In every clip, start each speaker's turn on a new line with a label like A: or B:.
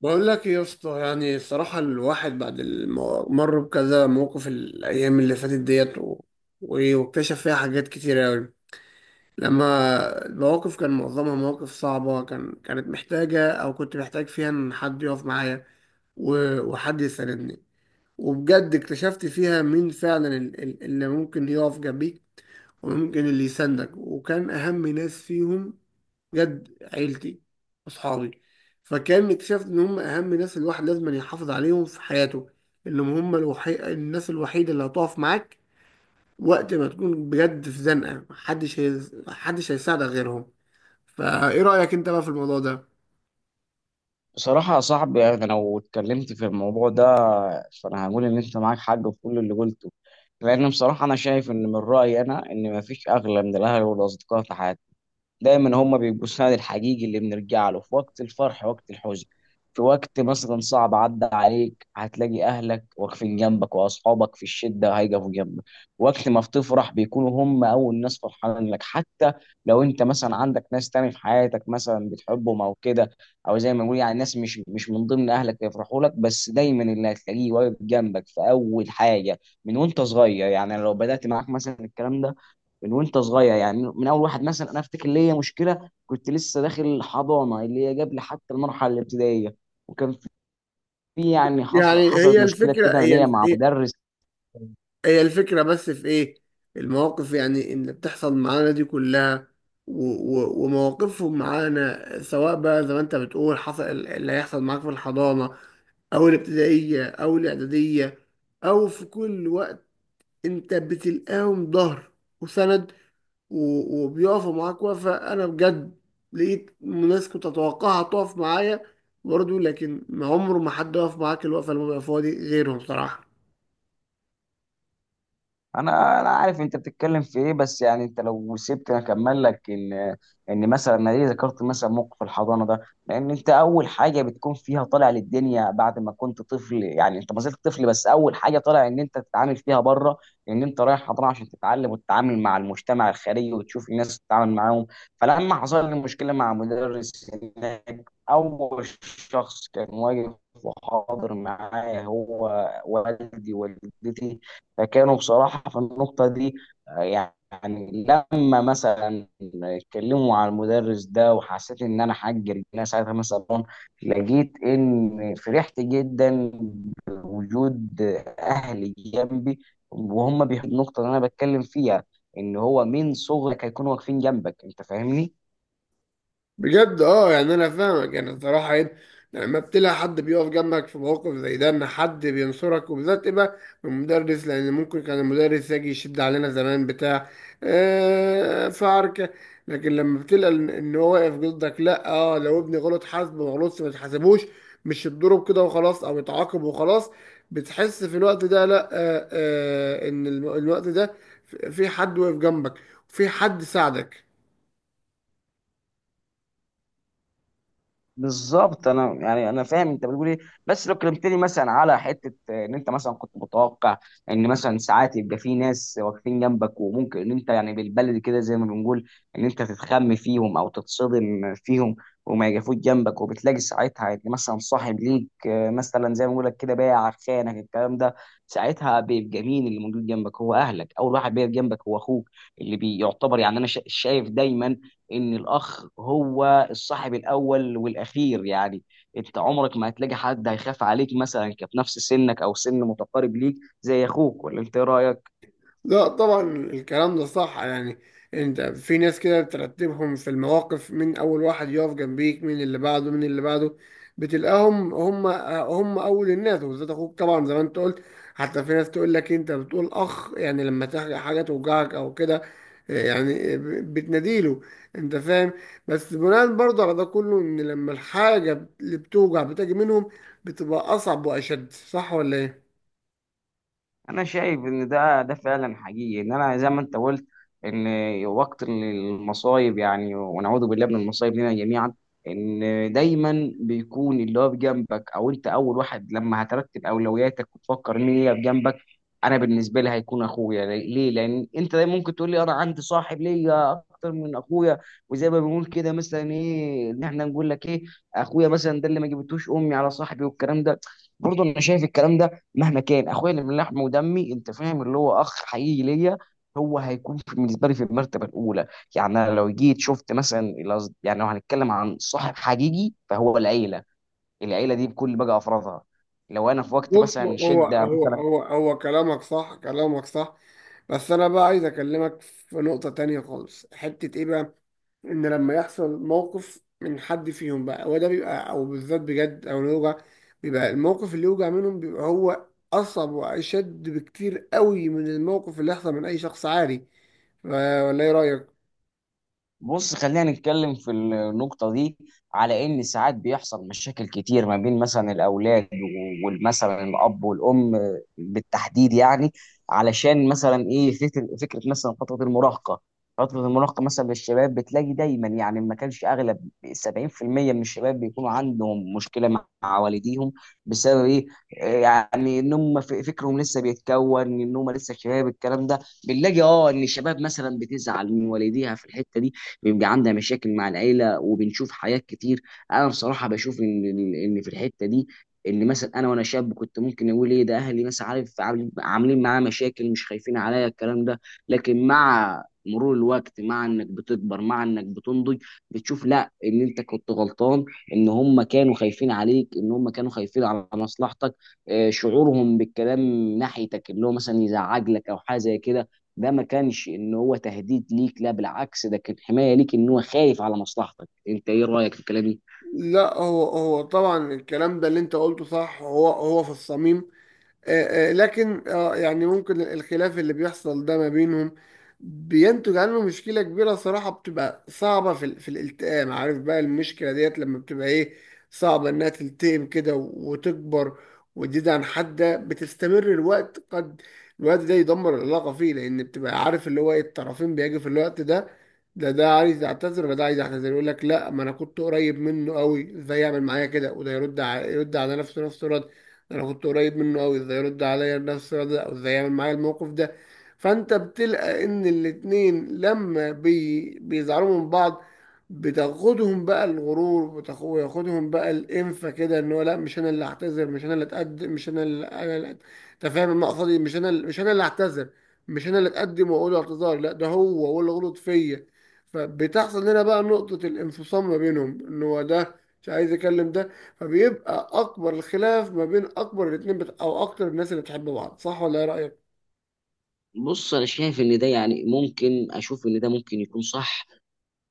A: بقول لك إيه يا اسطى؟ يعني الصراحة الواحد بعد مر بكذا موقف الأيام اللي فاتت ديت واكتشف فيها حاجات كتير أوي. لما المواقف كان معظمها مواقف صعبة، كانت محتاجة، أو كنت محتاج فيها إن حد يقف معايا وحد يساندني. وبجد اكتشفت فيها مين فعلا اللي ممكن يقف جنبيك، وممكن اللي يساندك. وكان أهم ناس فيهم بجد، عيلتي، أصحابي. فكان اكتشفت إن هم أهم ناس الواحد لازم يحافظ عليهم في حياته، إنهم هم الناس الوحيدة اللي هتقف معاك وقت ما تكون بجد في زنقة، محدش هيساعدك غيرهم. فإيه رأيك أنت بقى في الموضوع ده؟
B: بصراحة يا صاحبي، يعني أنا لو اتكلمت في الموضوع ده فأنا هقول إن أنت معاك حق في كل اللي قلته. لأن بصراحة أنا شايف إن من رأيي أنا إن مفيش أغلى من الأهل والأصدقاء في حياتي. دايما هم بيبقوا السند الحقيقي اللي بنرجع له في وقت الفرح وقت الحزن. في وقت مثلا صعب عدى عليك هتلاقي اهلك واقفين جنبك، واصحابك في الشده هيقفوا جنبك. وقت ما بتفرح بيكونوا هم اول ناس فرحانين لك، حتى لو انت مثلا عندك ناس تاني في حياتك مثلا بتحبهم او كده، او زي ما بنقول يعني ناس مش من ضمن اهلك يفرحوا لك. بس دايما اللي هتلاقيه واقف جنبك في اول حاجه من وانت صغير. يعني لو بدات معاك مثلا الكلام ده من وانت صغير، يعني من اول واحد مثلا انا افتكر ليا مشكله كنت لسه داخل حضانه، اللي هي قبل حتى المرحله الابتدائيه. وكان في، يعني
A: يعني
B: حصلت مشكله كده ليا مع
A: هي
B: مدرس.
A: هي الفكرة بس في إيه؟ المواقف يعني اللي بتحصل معانا دي كلها ومواقفهم معانا، سواء بقى زي ما أنت بتقول حصل اللي هيحصل معاك في الحضانة او الابتدائيه او الاعداديه او في كل وقت. انت بتلقاهم ظهر وسند، وبيقفوا معاك وقفه. انا بجد لقيت ناس كنت اتوقعها تقف معايا برضه، لكن ما عمره ما حد وقف معاك الوقفه اللي هم بيقفوها دي غيرهم صراحه.
B: انا عارف انت بتتكلم في ايه، بس يعني انت لو سبتني اكمل لك ان مثلا انا ليه ذكرت مثلا موقف الحضانه ده. لان انت اول حاجه بتكون فيها طالع للدنيا بعد ما كنت طفل، يعني انت ما زلت طفل، بس اول حاجه طالع ان انت تتعامل فيها بره، ان انت رايح حضانه عشان تتعلم وتتعامل مع المجتمع الخارجي وتشوف الناس تتعامل معاهم. فلما حصل لي مشكله مع مدرس هناك، اول شخص كان واقف وحاضر معايا هو والدي والدتي. فكانوا بصراحة في النقطة دي، يعني لما مثلا اتكلموا على المدرس ده وحسيت ان انا حجر انا ساعتها، مثلا لقيت ان فرحت جدا بوجود اهلي جنبي، وهم بيحبوا النقطة اللي انا بتكلم فيها، ان هو من صغرك هيكونوا واقفين جنبك. انت فاهمني؟
A: بجد اه، يعني انا فاهمك. يعني الصراحه ايه؟ لما بتلاقي حد بيقف جنبك في مواقف زي ده، ان حد بينصرك، وبالذات يبقى المدرس، لان ممكن كان المدرس يجي يشد علينا زمان بتاع. آه، في عركه. لكن لما بتلاقي ان إن هو واقف ضدك، لا اه، لو ابني غلط حاسب، ما غلطش ما تحاسبوش، مش يتضرب كده وخلاص او يتعاقب وخلاص. بتحس في الوقت ده لا آه آه، ان الوقت ده في حد واقف جنبك، وفي حد ساعدك.
B: بالظبط، انا يعني انا فاهم انت بتقول ايه. بس لو كلمتني مثلا على حته، ان انت مثلا كنت متوقع ان مثلا ساعات يبقى في ناس واقفين جنبك، وممكن ان انت يعني بالبلدي كده زي ما بنقول ان انت تتخم فيهم او تتصدم فيهم وما يقفوش جنبك. وبتلاقي ساعتها ان مثلا صاحب ليك، مثلا زي ما بقول لك كده، بايع خانك الكلام ده. ساعتها بيبقى مين اللي موجود جنبك؟ هو اهلك. اول واحد بيقف جنبك هو اخوك، اللي بيعتبر، يعني انا شايف دايما ان الاخ هو الصاحب الاول والاخير. يعني انت عمرك ما هتلاقي حد هيخاف عليك مثلا كفي نفس سنك او سن متقارب ليك زي اخوك. ولا انت إيه رايك؟
A: لا طبعا الكلام ده صح يعني. انت في ناس كده بترتبهم في المواقف، من اول واحد يقف جنبيك، من اللي بعده، من اللي بعده. بتلقاهم هم اول الناس، وبالذات اخوك طبعا زي ما انت قلت. حتى في ناس تقول لك: انت بتقول اخ، يعني لما تحكي حاجه توجعك او كده، يعني بتناديله. انت فاهم؟ بس بناء برضه على ده كله، ان لما الحاجه اللي بتوجع بتجي منهم، بتبقى اصعب واشد. صح ولا ايه؟
B: انا شايف ان ده فعلا حقيقي، ان انا زي ما انت قلت ان وقت المصايب، يعني ونعوذ بالله من المصايب لنا جميعا، ان دايما بيكون اللي هو بجنبك. او انت اول واحد لما هترتب اولوياتك وتفكر مين اللي بجنبك، انا بالنسبه لي هيكون اخويا. ليه؟ لان انت دايما ممكن تقول لي انا عندي صاحب ليا اكتر من اخويا. وزي ما بنقول كده مثلا ايه، ان احنا نقول لك ايه، اخويا مثلا ده اللي ما جبتوش امي على صاحبي والكلام ده. برضه انا شايف الكلام ده مهما كان، اخويا اللي من لحم ودمي، انت فاهم اللي هو اخ حقيقي ليا، هو هيكون بالنسبه لي في المرتبه الاولى. يعني انا لو جيت شفت مثلا يعني لو هنتكلم عن صاحب حقيقي فهو العيله. العيله دي بكل بقى افرادها، لو انا في وقت
A: بص،
B: مثلا
A: هو
B: شده.
A: هو هو هو كلامك صح، كلامك صح. بس انا بقى عايز اكلمك في نقطة تانية خالص، حتة ايه بقى؟ ان لما يحصل موقف من حد فيهم بقى، هو ده بيبقى، او بالذات بجد او يوجع. بيبقى الموقف اللي يوجع منهم بيبقى هو اصعب واشد بكتير قوي من الموقف اللي يحصل من اي شخص عادي. ف- ولا ايه رأيك؟
B: بص، خلينا نتكلم في النقطة دي، على إن ساعات بيحصل مشاكل كتير ما بين مثلا الأولاد ومثلا الأب والأم بالتحديد، يعني علشان مثلا إيه، فكرة مثلا فترة المراهقة. فترة المراهقة مثلا للشباب بتلاقي دايما، يعني ما كانش أغلب، 70% من الشباب بيكونوا عندهم مشكلة مع والديهم. بسبب إيه؟ يعني إن هم فكرهم لسه بيتكون إن هم لسه شباب الكلام ده. بنلاقي اه ان الشباب مثلا بتزعل من والديها في الحته دي، بيبقى عندها مشاكل مع العيله، وبنشوف حاجات كتير. انا بصراحه بشوف ان في الحته دي، ان مثلا انا وانا شاب كنت ممكن اقول ايه ده اهلي مثلا، عارف، عاملين معايا مشاكل، مش خايفين عليا الكلام ده. لكن مع مرور الوقت، مع انك بتكبر مع انك بتنضج، بتشوف لا ان انت كنت غلطان، ان هم كانوا خايفين عليك، ان هم كانوا خايفين على مصلحتك. شعورهم بالكلام ناحيتك اللي هو مثلا يزعج لك او حاجه زي كده، ده ما كانش ان هو تهديد ليك. لا بالعكس، ده كان حمايه ليك، ان هو خايف على مصلحتك. انت ايه رايك في الكلام ده؟
A: لا، هو هو طبعا الكلام ده اللي انت قلته صح، هو هو في الصميم. لكن يعني ممكن الخلاف اللي بيحصل ده ما بينهم بينتج عنه مشكلة كبيرة صراحة، بتبقى صعبة في الالتئام. عارف بقى المشكلة ديت لما بتبقى ايه؟ صعبة انها تلتئم كده وتكبر وتزيد عن حدها، بتستمر الوقت قد الوقت ده يدمر العلاقة فيه، لأن بتبقى عارف اللي هو ايه. الطرفين بيجي في الوقت ده، ده عايز يعتذر، وده عايز يعتذر، يقول لك: لا، ما انا كنت قريب منه قوي، ازاي يعمل معايا كده؟ وده يرد، يرد على نفسه رد: انا كنت قريب منه قوي، ازاي يرد عليا بنفس الرد ده، او ازاي يعمل معايا الموقف ده؟ فانت بتلقى ان الاتنين لما بيزعلوا من بعض، بتاخدهم بقى الغرور، وياخدهم بقى الانفه كده، ان هو لا، مش انا اللي هعتذر، مش انا اللي اتقدم، مش انا اللي انا اللي انت فاهم المقصد؟ مش انا اللي هعتذر، مش انا اللي اتقدم واقول له اعتذار، لا، ده هو اللي غلط فيا. فبتحصل هنا بقى نقطة الانفصام ما بينهم، ان هو ده مش عايز يكلم ده، فبيبقى اكبر الخلاف ما بين اكبر الاتنين، او اكتر الناس اللي بتحب بعض. صح ولا ايه رايك؟
B: بص، انا شايف ان ده يعني ممكن اشوف ان ده ممكن يكون صح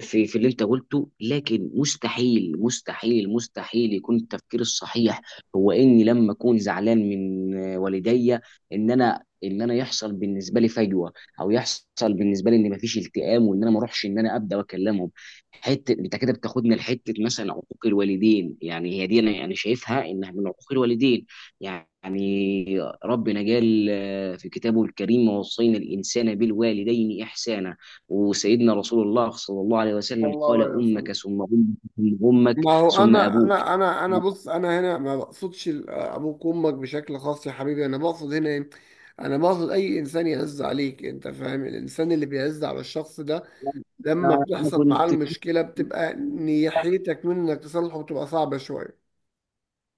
B: في اللي انت قلته. لكن مستحيل مستحيل مستحيل يكون التفكير الصحيح هو اني لما اكون زعلان من والديا، ان انا يحصل بالنسبه لي فجوه، او يحصل بالنسبه لي ان مفيش التئام، وان انا ما اروحش ان انا ابدا واكلمهم. حته انت كده بتاخدنا لحته مثلا عقوق الوالدين، يعني هي دي انا يعني شايفها انها من عقوق الوالدين. يعني ربنا قال في كتابه الكريم: ووصينا الانسان بالوالدين احسانا. وسيدنا رسول الله صلى الله عليه وسلم
A: والله
B: قال:
A: ولا
B: أمك
A: وصلنا.
B: ثم أمك ثم أمك
A: ما هو
B: ثم
A: انا
B: أبوك.
A: انا انا انا بص، انا هنا ما بقصدش ابوك وامك بشكل خاص يا حبيبي، انا بقصد هنا ايه. انا بقصد اي انسان يعز عليك، انت فاهم؟ الانسان اللي بيعز على الشخص ده لما
B: أنا
A: بتحصل معاه
B: كنت،
A: المشكله، بتبقى نيحيتك منه انك تصلحه بتبقى صعبه شويه.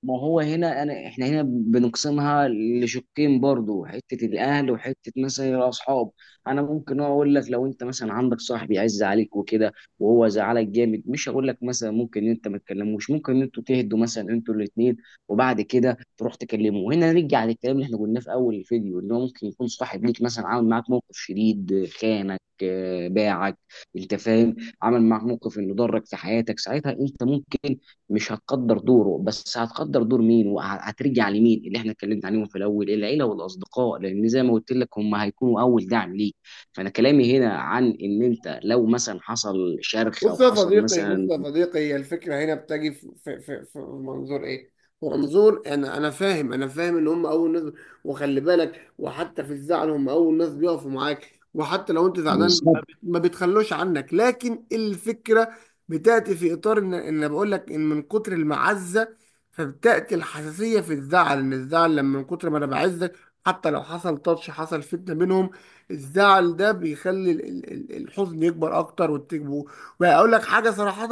B: ما هو هنا انا، احنا هنا بنقسمها لشقين برضو، حته الاهل وحته مثلا الاصحاب. انا ممكن اقول لك لو انت مثلا عندك صاحب يعز عليك وكده وهو زعلك جامد، مش هقول لك مثلا ممكن إن انت ما تكلموش، ممكن ان انتوا تهدوا مثلا انتوا الاثنين، وبعد كده تروح تكلمه. وهنا نرجع للكلام اللي احنا قلناه في اول الفيديو، ان هو ممكن يكون صاحب ليك مثلا عامل معاك موقف شديد، خانك، باعك، انت فاهم، عمل معاك موقف انه ضرك في حياتك. ساعتها انت ممكن مش هتقدر دوره، بس هتقدر دور مين وهترجع لمين اللي احنا اتكلمت عليهم في الاول، العيله والاصدقاء، لان زي ما قلت لك هم هيكونوا اول دعم ليك. فانا كلامي هنا عن ان انت لو مثلا حصل شرخ او
A: بص يا
B: حصل
A: صديقي، بص
B: مثلا.
A: يا صديقي، هي الفكرة هنا بتجي في منظور ايه؟ في منظور، انا انا فاهم، انا فاهم ان هم اول ناس، وخلي بالك، وحتى في الزعل هم اول ناس بيقفوا معاك، وحتى لو انت زعلان
B: بالظبط.
A: ما بيتخلوش عنك، لكن الفكرة بتأتي في اطار ان ان بقول لك ان من كتر المعزة، فبتأتي الحساسية في الزعل. ان الزعل لما من كتر ما انا بعزك، حتى لو حصل تاتش، حصل فتنة بينهم، الزعل ده بيخلي الحزن يكبر اكتر، والتكبر. فاقول لك حاجه صراحه،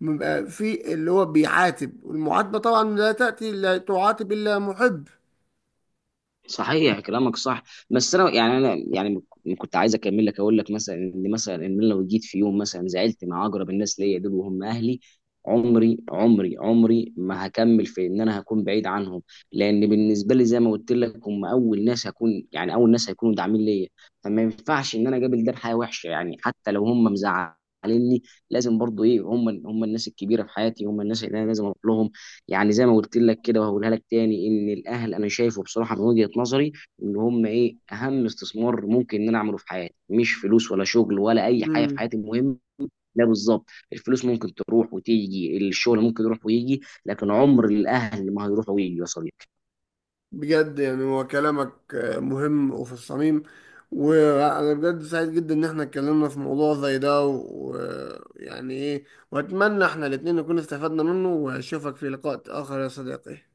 A: بيبقى في اللي هو بيعاتب، والمعاتبه طبعا لا تاتي، لا تعاتب الا محب.
B: صحيح كلامك صح، بس انا يعني كنت عايز اكمل لك، اقول لك مثلا ان مثلا ان أنا لو جيت في يوم مثلا زعلت مع اقرب الناس ليا دول وهم اهلي، عمري عمري عمري ما هكمل في ان انا هكون بعيد عنهم. لان بالنسبه لي زي ما قلت لك هم اول ناس هكون، يعني اول ناس هيكونوا داعمين ليا. فما ينفعش ان انا اقابل ده بحياه وحشه، يعني حتى لو هم مزعليني لازم برضو ايه، هم الناس الكبيره في حياتي، هم الناس اللي انا لازم اروح لهم. يعني زي ما قلت لك كده، وهقولها لك تاني، ان الاهل انا شايفه بصراحه من وجهه نظري ان هم ايه اهم استثمار ممكن ان انا اعمله في حياتي. مش فلوس ولا شغل ولا اي حاجه في
A: مم.
B: حياتي المهم. لا بالظبط، الفلوس ممكن تروح وتيجي، الشغل ممكن يروح ويجي، لكن عمر الاهل ما هيروح ويجي يا صديقي.
A: بجد يعني هو كلامك مهم وفي الصميم، وانا بجد سعيد جدا ان احنا اتكلمنا في موضوع زي ده ويعني ايه، واتمنى احنا الاتنين نكون استفدنا منه، واشوفك في لقاء اخر يا صديقي.